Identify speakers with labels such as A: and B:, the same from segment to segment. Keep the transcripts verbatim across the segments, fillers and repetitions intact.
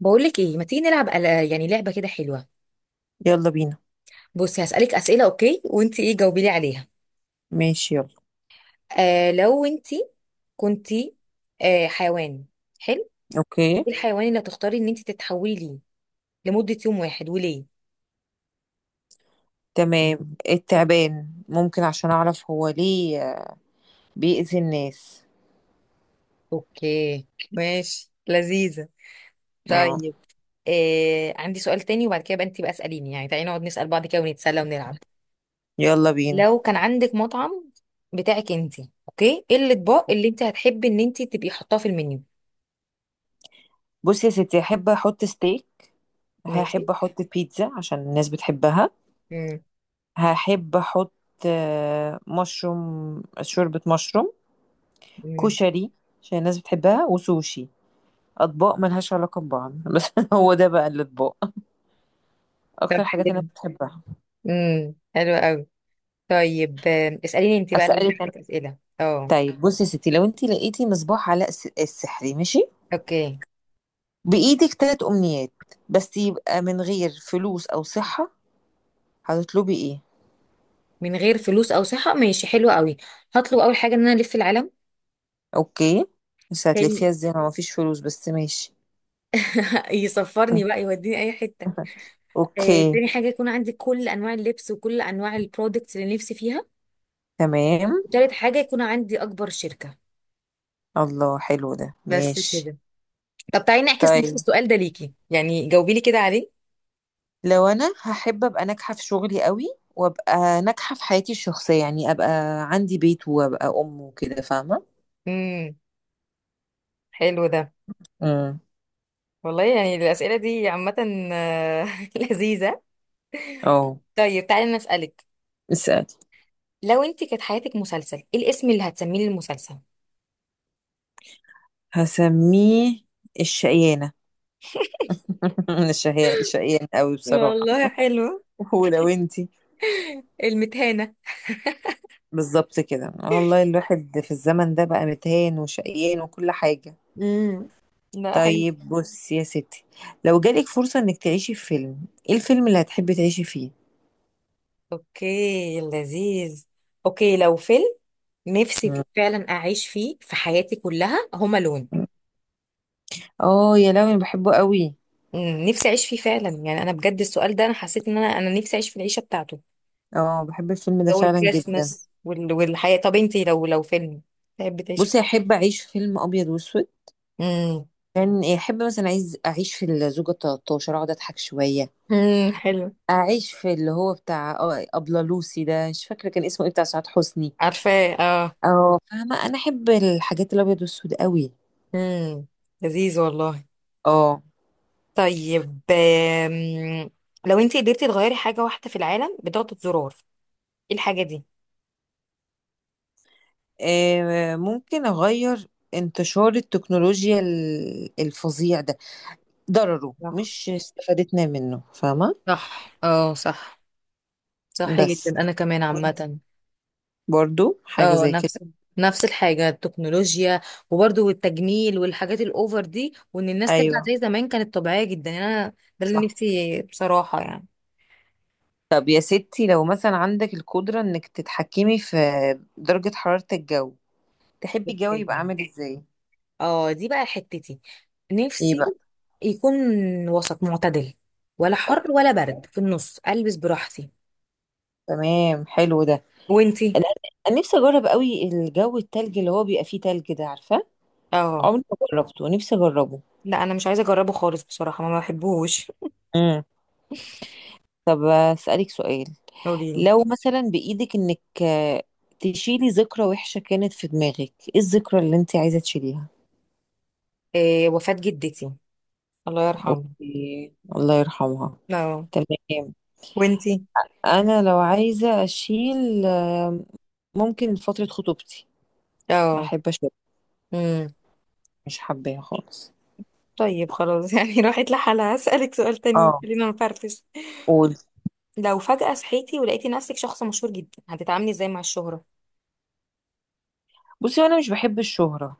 A: بقولك ايه؟ ما تيجي نلعب أل- يعني لعبة كده حلوة.
B: يلا بينا.
A: بصي، هسألك أسئلة اوكي، وانت ايه جاوبي لي عليها.
B: ماشي، يلا.
A: آه لو انت كنتي آه حيوان حلو،
B: اوكي. مم.
A: ايه الحيوان اللي هتختاري ان انت تتحولي ليه لمدة يوم واحد، وليه؟
B: تمام، التعبان ممكن عشان اعرف هو ليه آه، بيأذي الناس.
A: اوكي، ماشي، لذيذة.
B: اه،
A: طيب، آه عندي سؤال تاني، وبعد كده بقى انت بقى اسأليني، يعني تعالي نقعد نسأل بعض كده ونتسلى ونلعب.
B: يلا بينا.
A: لو كان عندك مطعم بتاعك انت، اوكي، ايه الاطباق اللي انت هتحبي ان انت تبقي حطاه في المنيو؟
B: بصي يا ستي، هحب احط ستيك،
A: ماشي.
B: هحب احط بيتزا عشان الناس بتحبها، هحب احط آه، مشروم، شوربة مشروم،
A: امم.
B: كشري، عشان الناس بتحبها وسوشي. اطباق ملهاش علاقة ببعض بس. هو ده بقى الاطباق
A: طب
B: اكتر حاجات الناس
A: حلو.
B: بتحبها.
A: امم، حلو قوي. طيب، آم، اسأليني انت بقى، لو انت
B: اسألك انا.
A: عندك أسئلة. اه،
B: طيب بصي يا ستي، لو انت لقيتي مصباح علاء الس- السحري، ماشي،
A: اوكي،
B: بإيدك تلات أمنيات، بس يبقى من غير فلوس أو صحة، هتطلبي إيه؟
A: من غير فلوس او صحة، ماشي، حلو قوي. هطلب اول حاجة ان انا الف العالم.
B: أوكي، بس
A: تاني،
B: هتلفيها إزاي ما مفيش فلوس؟ بس ماشي.
A: يسفرني بقى، يوديني اي حتة. آه،
B: أوكي،
A: تاني حاجة، يكون عندي كل انواع اللبس وكل انواع البرودكتس اللي نفسي فيها.
B: تمام.
A: وتالت حاجة، يكون عندي اكبر شركة.
B: الله، حلو ده،
A: بس
B: ماشي.
A: كده. طب تعالي نعكس نفس
B: طيب،
A: السؤال ده ليكي، يعني جاوبي لي كده عليه.
B: لو أنا هحب أبقى ناجحة في شغلي قوي، وأبقى ناجحة في حياتي الشخصية، يعني أبقى عندي بيت وأبقى أم وكده، فاهمة؟
A: امم، حلو ده.
B: امم.
A: والله يعني الأسئلة دي عامة. آه، لذيذة.
B: أه،
A: طيب تعالي انا اسألك.
B: اسألي.
A: لو انت كانت حياتك مسلسل، ايه الاسم اللي هتسميه للمسلسل؟
B: هسميه الشقيانة. الشقيانة الشقيانة قوي بصراحة.
A: والله حلو.
B: ولو انتي
A: المتهانة.
B: بالظبط كده، والله الواحد في الزمن ده بقى متهان وشقيان وكل حاجة.
A: امم. لا، حلو.
B: طيب بص يا ستي، لو جالك فرصة انك تعيشي في فيلم، ايه الفيلم اللي هتحبي تعيشي فيه؟
A: اوكي، لذيذ. اوكي، لو فيلم نفسي
B: مم.
A: فعلا اعيش فيه في حياتي كلها، هما لون.
B: اه يا لهوي، أنا بحبه قوي.
A: مم، نفسي اعيش فيه فعلا، يعني انا بجد السؤال ده انا حسيت ان انا انا نفسي اعيش في العيشه بتاعته.
B: اه، بحب الفيلم ده
A: جو
B: فعلا جدا.
A: الكريسماس وال والحياه. طب انت لو لو فيلم تحبي تعيشي
B: بصي،
A: فيه.
B: احب اعيش في فيلم ابيض واسود.
A: امم.
B: كان احب مثلا، عايز اعيش في الزوجة ثلاثة عشر، اقعد اضحك شوية.
A: امم حلو.
B: اعيش في اللي هو بتاع آه، ابله لوسي ده، مش فاكرة كان اسمه ايه، بتاع سعاد حسني.
A: عارفه، اه.
B: اه فاهمة، انا احب الحاجات الابيض والاسود قوي.
A: امم. لذيذ والله.
B: اه،
A: طيب، آم، لو انت قدرتي تغيري حاجة واحدة في العالم بضغطة زرار، ايه الحاجة دي؟
B: آه، ممكن أغير انتشار التكنولوجيا ال- الفظيع ده، ضرره
A: صح.
B: مش استفادتنا منه، فاهمة.
A: صح، اه، صح. صح جدا،
B: بس
A: انا كمان
B: وانت
A: عامة.
B: برضو حاجة
A: اه،
B: زي كده؟
A: نفس نفس الحاجة، التكنولوجيا. وبرضو التجميل والحاجات الاوفر دي، وان الناس ترجع
B: أيوه
A: زي زمان كانت طبيعية جدا. يعني انا ده اللي
B: صح.
A: نفسي بصراحة، يعني
B: طب يا ستي، لو مثلا عندك القدرة إنك تتحكمي في درجة حرارة الجو، تحبي الجو يبقى عامل إزاي؟
A: اه، دي بقى حتتي.
B: إيه
A: نفسي
B: بقى؟
A: يكون وسط معتدل، ولا حر
B: أوكي،
A: ولا برد، في النص البس براحتي.
B: تمام، حلو ده.
A: وانتي؟
B: أنا أنا نفسي أجرب قوي الجو التلج، اللي هو بيبقى فيه تلج ده، عارفة؟
A: اه،
B: عمري ما جربته، نفسي أجربه.
A: لا، انا مش عايزه اجربه خالص بصراحه، ما بحبهوش.
B: طب أسألك سؤال،
A: قولي.
B: لو مثلا بإيدك إنك آه، تشيلي ذكرى وحشة كانت في دماغك، إيه الذكرى اللي أنت عايزة تشيليها؟
A: إيه؟ وفاة جدتي، الله يرحمها.
B: أوكي، الله يرحمها،
A: اه.
B: تمام.
A: وانتي؟
B: أنا لو عايزة أشيل آه، ممكن فترة خطوبتي،
A: اه.
B: أحب أشيل،
A: امم.
B: مش حباها خالص.
A: طيب خلاص، يعني راحت لحالها. هسألك سؤال تاني،
B: اه
A: خلينا نفرفش.
B: قول.
A: لو فجأة صحيتي ولقيتي نفسك شخص مشهور جدا، هتتعاملي ازاي مع الشهرة؟
B: بصي، أنا مش بحب الشهرة،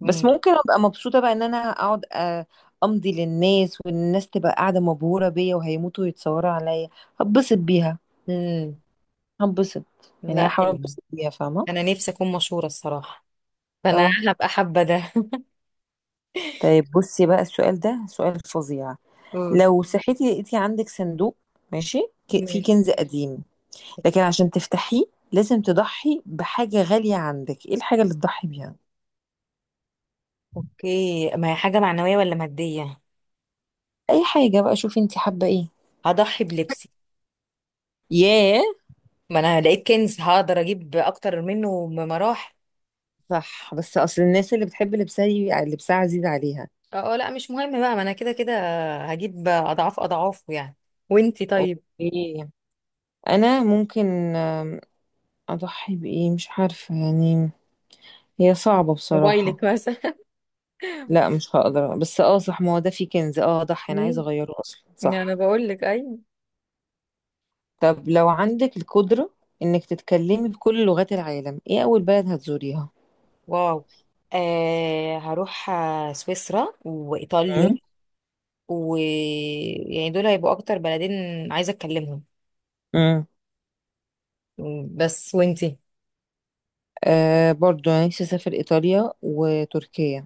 B: بس
A: امم.
B: ممكن أبقى مبسوطة بقى إن أنا أقعد آه، أمضي للناس، والناس تبقى قاعدة مبهورة بيا وهيموتوا ويتصوروا عليا. هتبسط بيها،
A: امم.
B: هنبسط. يعني
A: لا،
B: هحاول
A: حلو.
B: انبسط بيها، فاهمة.
A: انا نفسي اكون مشهورة الصراحة، فانا
B: اه،
A: هبقى حابة ده.
B: طيب، بصي بقى السؤال ده سؤال فظيع.
A: قول.
B: لو صحيتي لقيتي عندك صندوق، ماشي، ك- فيه
A: ماشي.
B: كنز قديم، لكن عشان تفتحيه لازم تضحي بحاجة غالية عندك، ايه الحاجة اللي تضحي بيها؟
A: اوكي، ما هي حاجة معنوية ولا مادية؟
B: اي حاجة بقى، شوفي انت حابة ايه.
A: هضحي بلبسي.
B: ياه.
A: ما انا لقيت كنز هقدر اجيب اكتر منه بمراحل.
B: صح، بس اصل الناس اللي بتحب لبسها، ي- لبسها عزيز عليها.
A: اه، آه، لا مش مهم بقى، ما انا كده كده هجيب اضعاف اضعافه، يعني. وانتي طيب؟
B: اوكي، انا ممكن آم، اضحي بايه، مش عارفة يعني، هي صعبة بصراحة.
A: موبايلك مثلا.
B: لا مش هقدر، بس اه صح، ما هو ده فيه كنز، اه اضحي، انا عايزه
A: مم.
B: اغيره اصلا
A: انا
B: صح.
A: بقول لك ايوه.
B: طب لو عندك القدره انك تتكلمي بكل لغات العالم، ايه اول بلد هتزوريها؟
A: واو. آه هروح آه، سويسرا
B: امم.
A: وايطاليا، و يعني دول هيبقوا اكتر بلدين عايزه اتكلمهم.
B: امم.
A: مم، بس. وانتي؟
B: آه برضو انا نفسي اسافر ايطاليا وتركيا.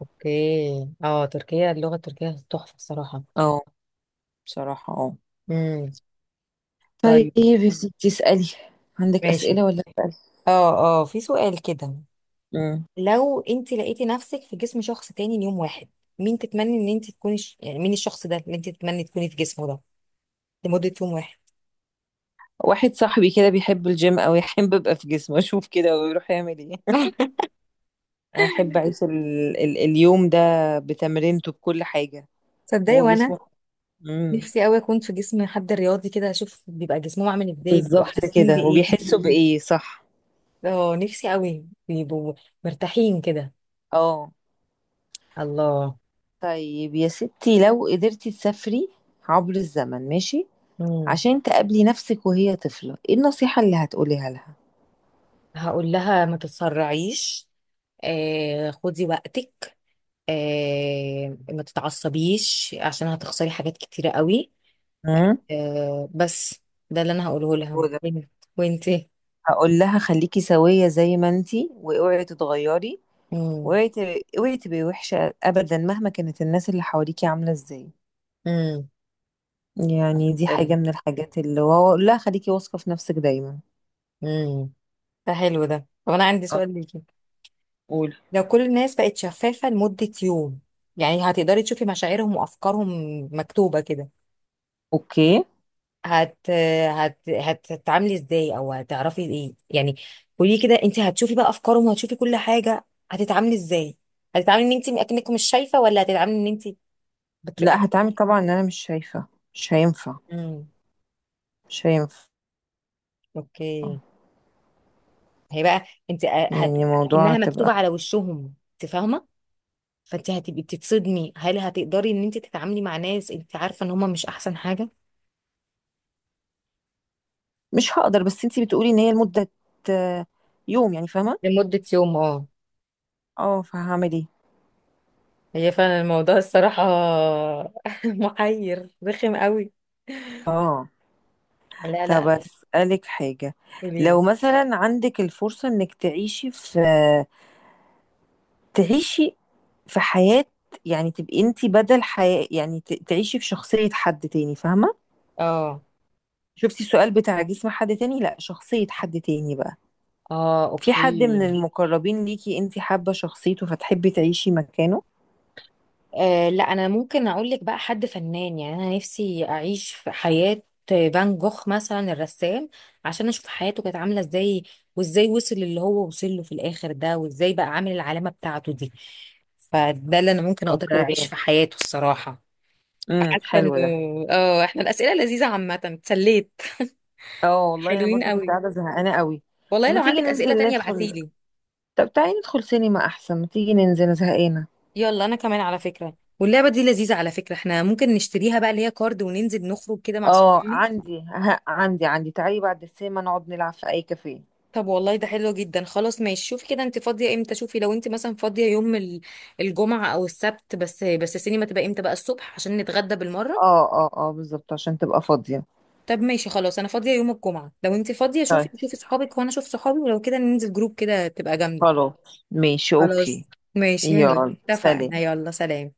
A: اوكي، اه، تركيا، اللغه التركيه تحفه الصراحه.
B: اه، بصراحه اه.
A: امم.
B: طيب
A: طيب.
B: يا ستي اسالي، عندك
A: ماشي
B: اسئله؟ ولا اسالي؟
A: اه اه، في سؤال كده.
B: امم.
A: لو انت لقيتي نفسك في جسم شخص تاني ليوم واحد، مين تتمني ان انت تكوني ش... يعني مين الشخص ده اللي انت تتمني تكوني في جسمه ده لمدة يوم واحد؟
B: واحد صاحبي كده بيحب الجيم، او يحب ابقى في جسمه اشوف كده ويروح يعمل ايه. احب اعيش ال... ال... اليوم ده بتمرينته بكل حاجه.
A: تصدقي
B: هو
A: وانا
B: جسمه. مم.
A: نفسي قوي اكون في جسم حد رياضي كده، اشوف بيبقى جسمهم عامل ازاي، بيبقوا
B: بالظبط
A: حاسين
B: كده،
A: بايه.
B: وبيحسوا بإيه، صح.
A: اه نفسي قوي، بيبقوا مرتاحين كده.
B: اه،
A: الله.
B: طيب يا ستي، لو قدرتي تسافري عبر الزمن، ماشي،
A: مم.
B: عشان تقابلي نفسك وهي طفلة، ايه النصيحة اللي هتقوليها لها؟
A: هقول لها ما تتسرعيش، آه خدي وقتك، آه ما تتعصبيش عشان هتخسري حاجات كتيرة قوي.
B: امم.
A: آه بس ده اللي انا هقوله لها.
B: وده،
A: وانت. وانتي.
B: هقول لها خليكي سوية زي ما انتي، واوعي تتغيري،
A: امم.
B: واوعي ت- اوعي تبقي وحشة ابدا، مهما كانت الناس اللي حواليكي عاملة ازاي.
A: امم
B: يعني دي حاجة
A: حلو.
B: من الحاجات اللي، واقول لها خليكي واثقة في نفسك دايما.
A: امم، ده حلو ده. طب انا عندي
B: اه
A: سؤال ليكي.
B: قول.
A: لو كل الناس بقت شفافة لمدة يوم، يعني هتقدري تشوفي مشاعرهم وافكارهم مكتوبة كده،
B: اوكي،
A: هت هت هت- هتتعاملي ازاي، او هتعرفي ايه يعني؟ قولي كده، انت هتشوفي بقى افكارهم وهتشوفي كل حاجة، هتتعاملي ازاي؟ هتتعاملي ان انت اكنك مش شايفة، ولا هتتعاملي ان انت
B: لا
A: بترياكت؟
B: هتعمل طبعا ان انا مش شايفة. مش هينفع،
A: امم.
B: مش هينفع.
A: اوكي. هي بقى انت هت...
B: يعني موضوع
A: اكنها مكتوبه
B: تبقى،
A: على وشهم، انت فاهمه، فانت هتبقي بتتصدمي. هل هتقدري ان انت تتعاملي مع ناس انت عارفه ان هم مش احسن حاجه؟
B: مش هقدر، بس انتي بتقولي ان هي لمدة آه، يوم، يعني فاهمة.
A: لمده يوم اه.
B: اه فهعمل ايه.
A: هي فعلا الموضوع الصراحه محير رخم قوي.
B: اه،
A: لا
B: طب
A: لا.
B: اسألك حاجة،
A: قوليلي.
B: لو مثلا عندك الفرصة انك تعيشي في، تعيشي في حياة، يعني تبقي انتي بدل حياة، يعني ت- تعيشي في شخصية حد تاني، فاهمة.
A: اه.
B: شفتي السؤال بتاع جسم حد تاني، لا شخصية حد تاني بقى،
A: اه،
B: في حد من
A: اوكي.
B: المقربين ليكي انتي حابة شخصيته فتحبي تعيشي مكانه؟
A: أه، لا، انا ممكن اقول لك بقى حد فنان، يعني انا نفسي اعيش في حياة فان جوخ مثلا، الرسام، عشان اشوف حياته كانت عاملة ازاي، وازاي وصل اللي هو وصل له في الاخر ده، وازاي بقى عامل العلامة بتاعته دي. فده اللي انا ممكن اقدر
B: اوكي،
A: اعيش في حياته الصراحة.
B: امم،
A: فحاسة انه
B: حلو ده.
A: اه، احنا الاسئلة لذيذة عامة، اتسليت.
B: اه والله انا
A: حلوين
B: برضو كنت
A: قوي
B: قاعده زهقانه قوي.
A: والله.
B: ما
A: لو
B: تيجي
A: عندك اسئلة
B: ننزل
A: تانية
B: ندخل.
A: ابعتيلي.
B: طب تعالي ندخل سينما احسن، ما تيجي ننزل، أنا زهقانه.
A: يلا انا كمان على فكرة، واللعبة دي لذيذة على فكرة، احنا ممكن نشتريها بقى اللي هي كارد وننزل نخرج كده مع
B: اه،
A: صحابنا.
B: عندي ها عندي عندي تعالي بعد السينما نقعد نلعب في اي كافيه.
A: طب والله ده حلو جدا، خلاص ماشي، شوفي كده انت فاضيه امتى، شوفي لو انت مثلا فاضيه يوم ال- الجمعه او السبت، بس بس السينما تبقى امتى بقى، الصبح، عشان نتغدى بالمره.
B: اه اه اه، بالظبط، عشان تبقى فاضيه.
A: طب ماشي خلاص، انا فاضيه يوم الجمعه، لو انت فاضيه شوفي،
B: طيب
A: شوفي صحابك وانا اشوف صحابي، ولو كده ننزل جروب كده تبقى جامده.
B: خلاص، ماشي،
A: خلاص
B: اوكي.
A: ماشي.
B: يلا، سلام.
A: اتفقنا يلا سلام.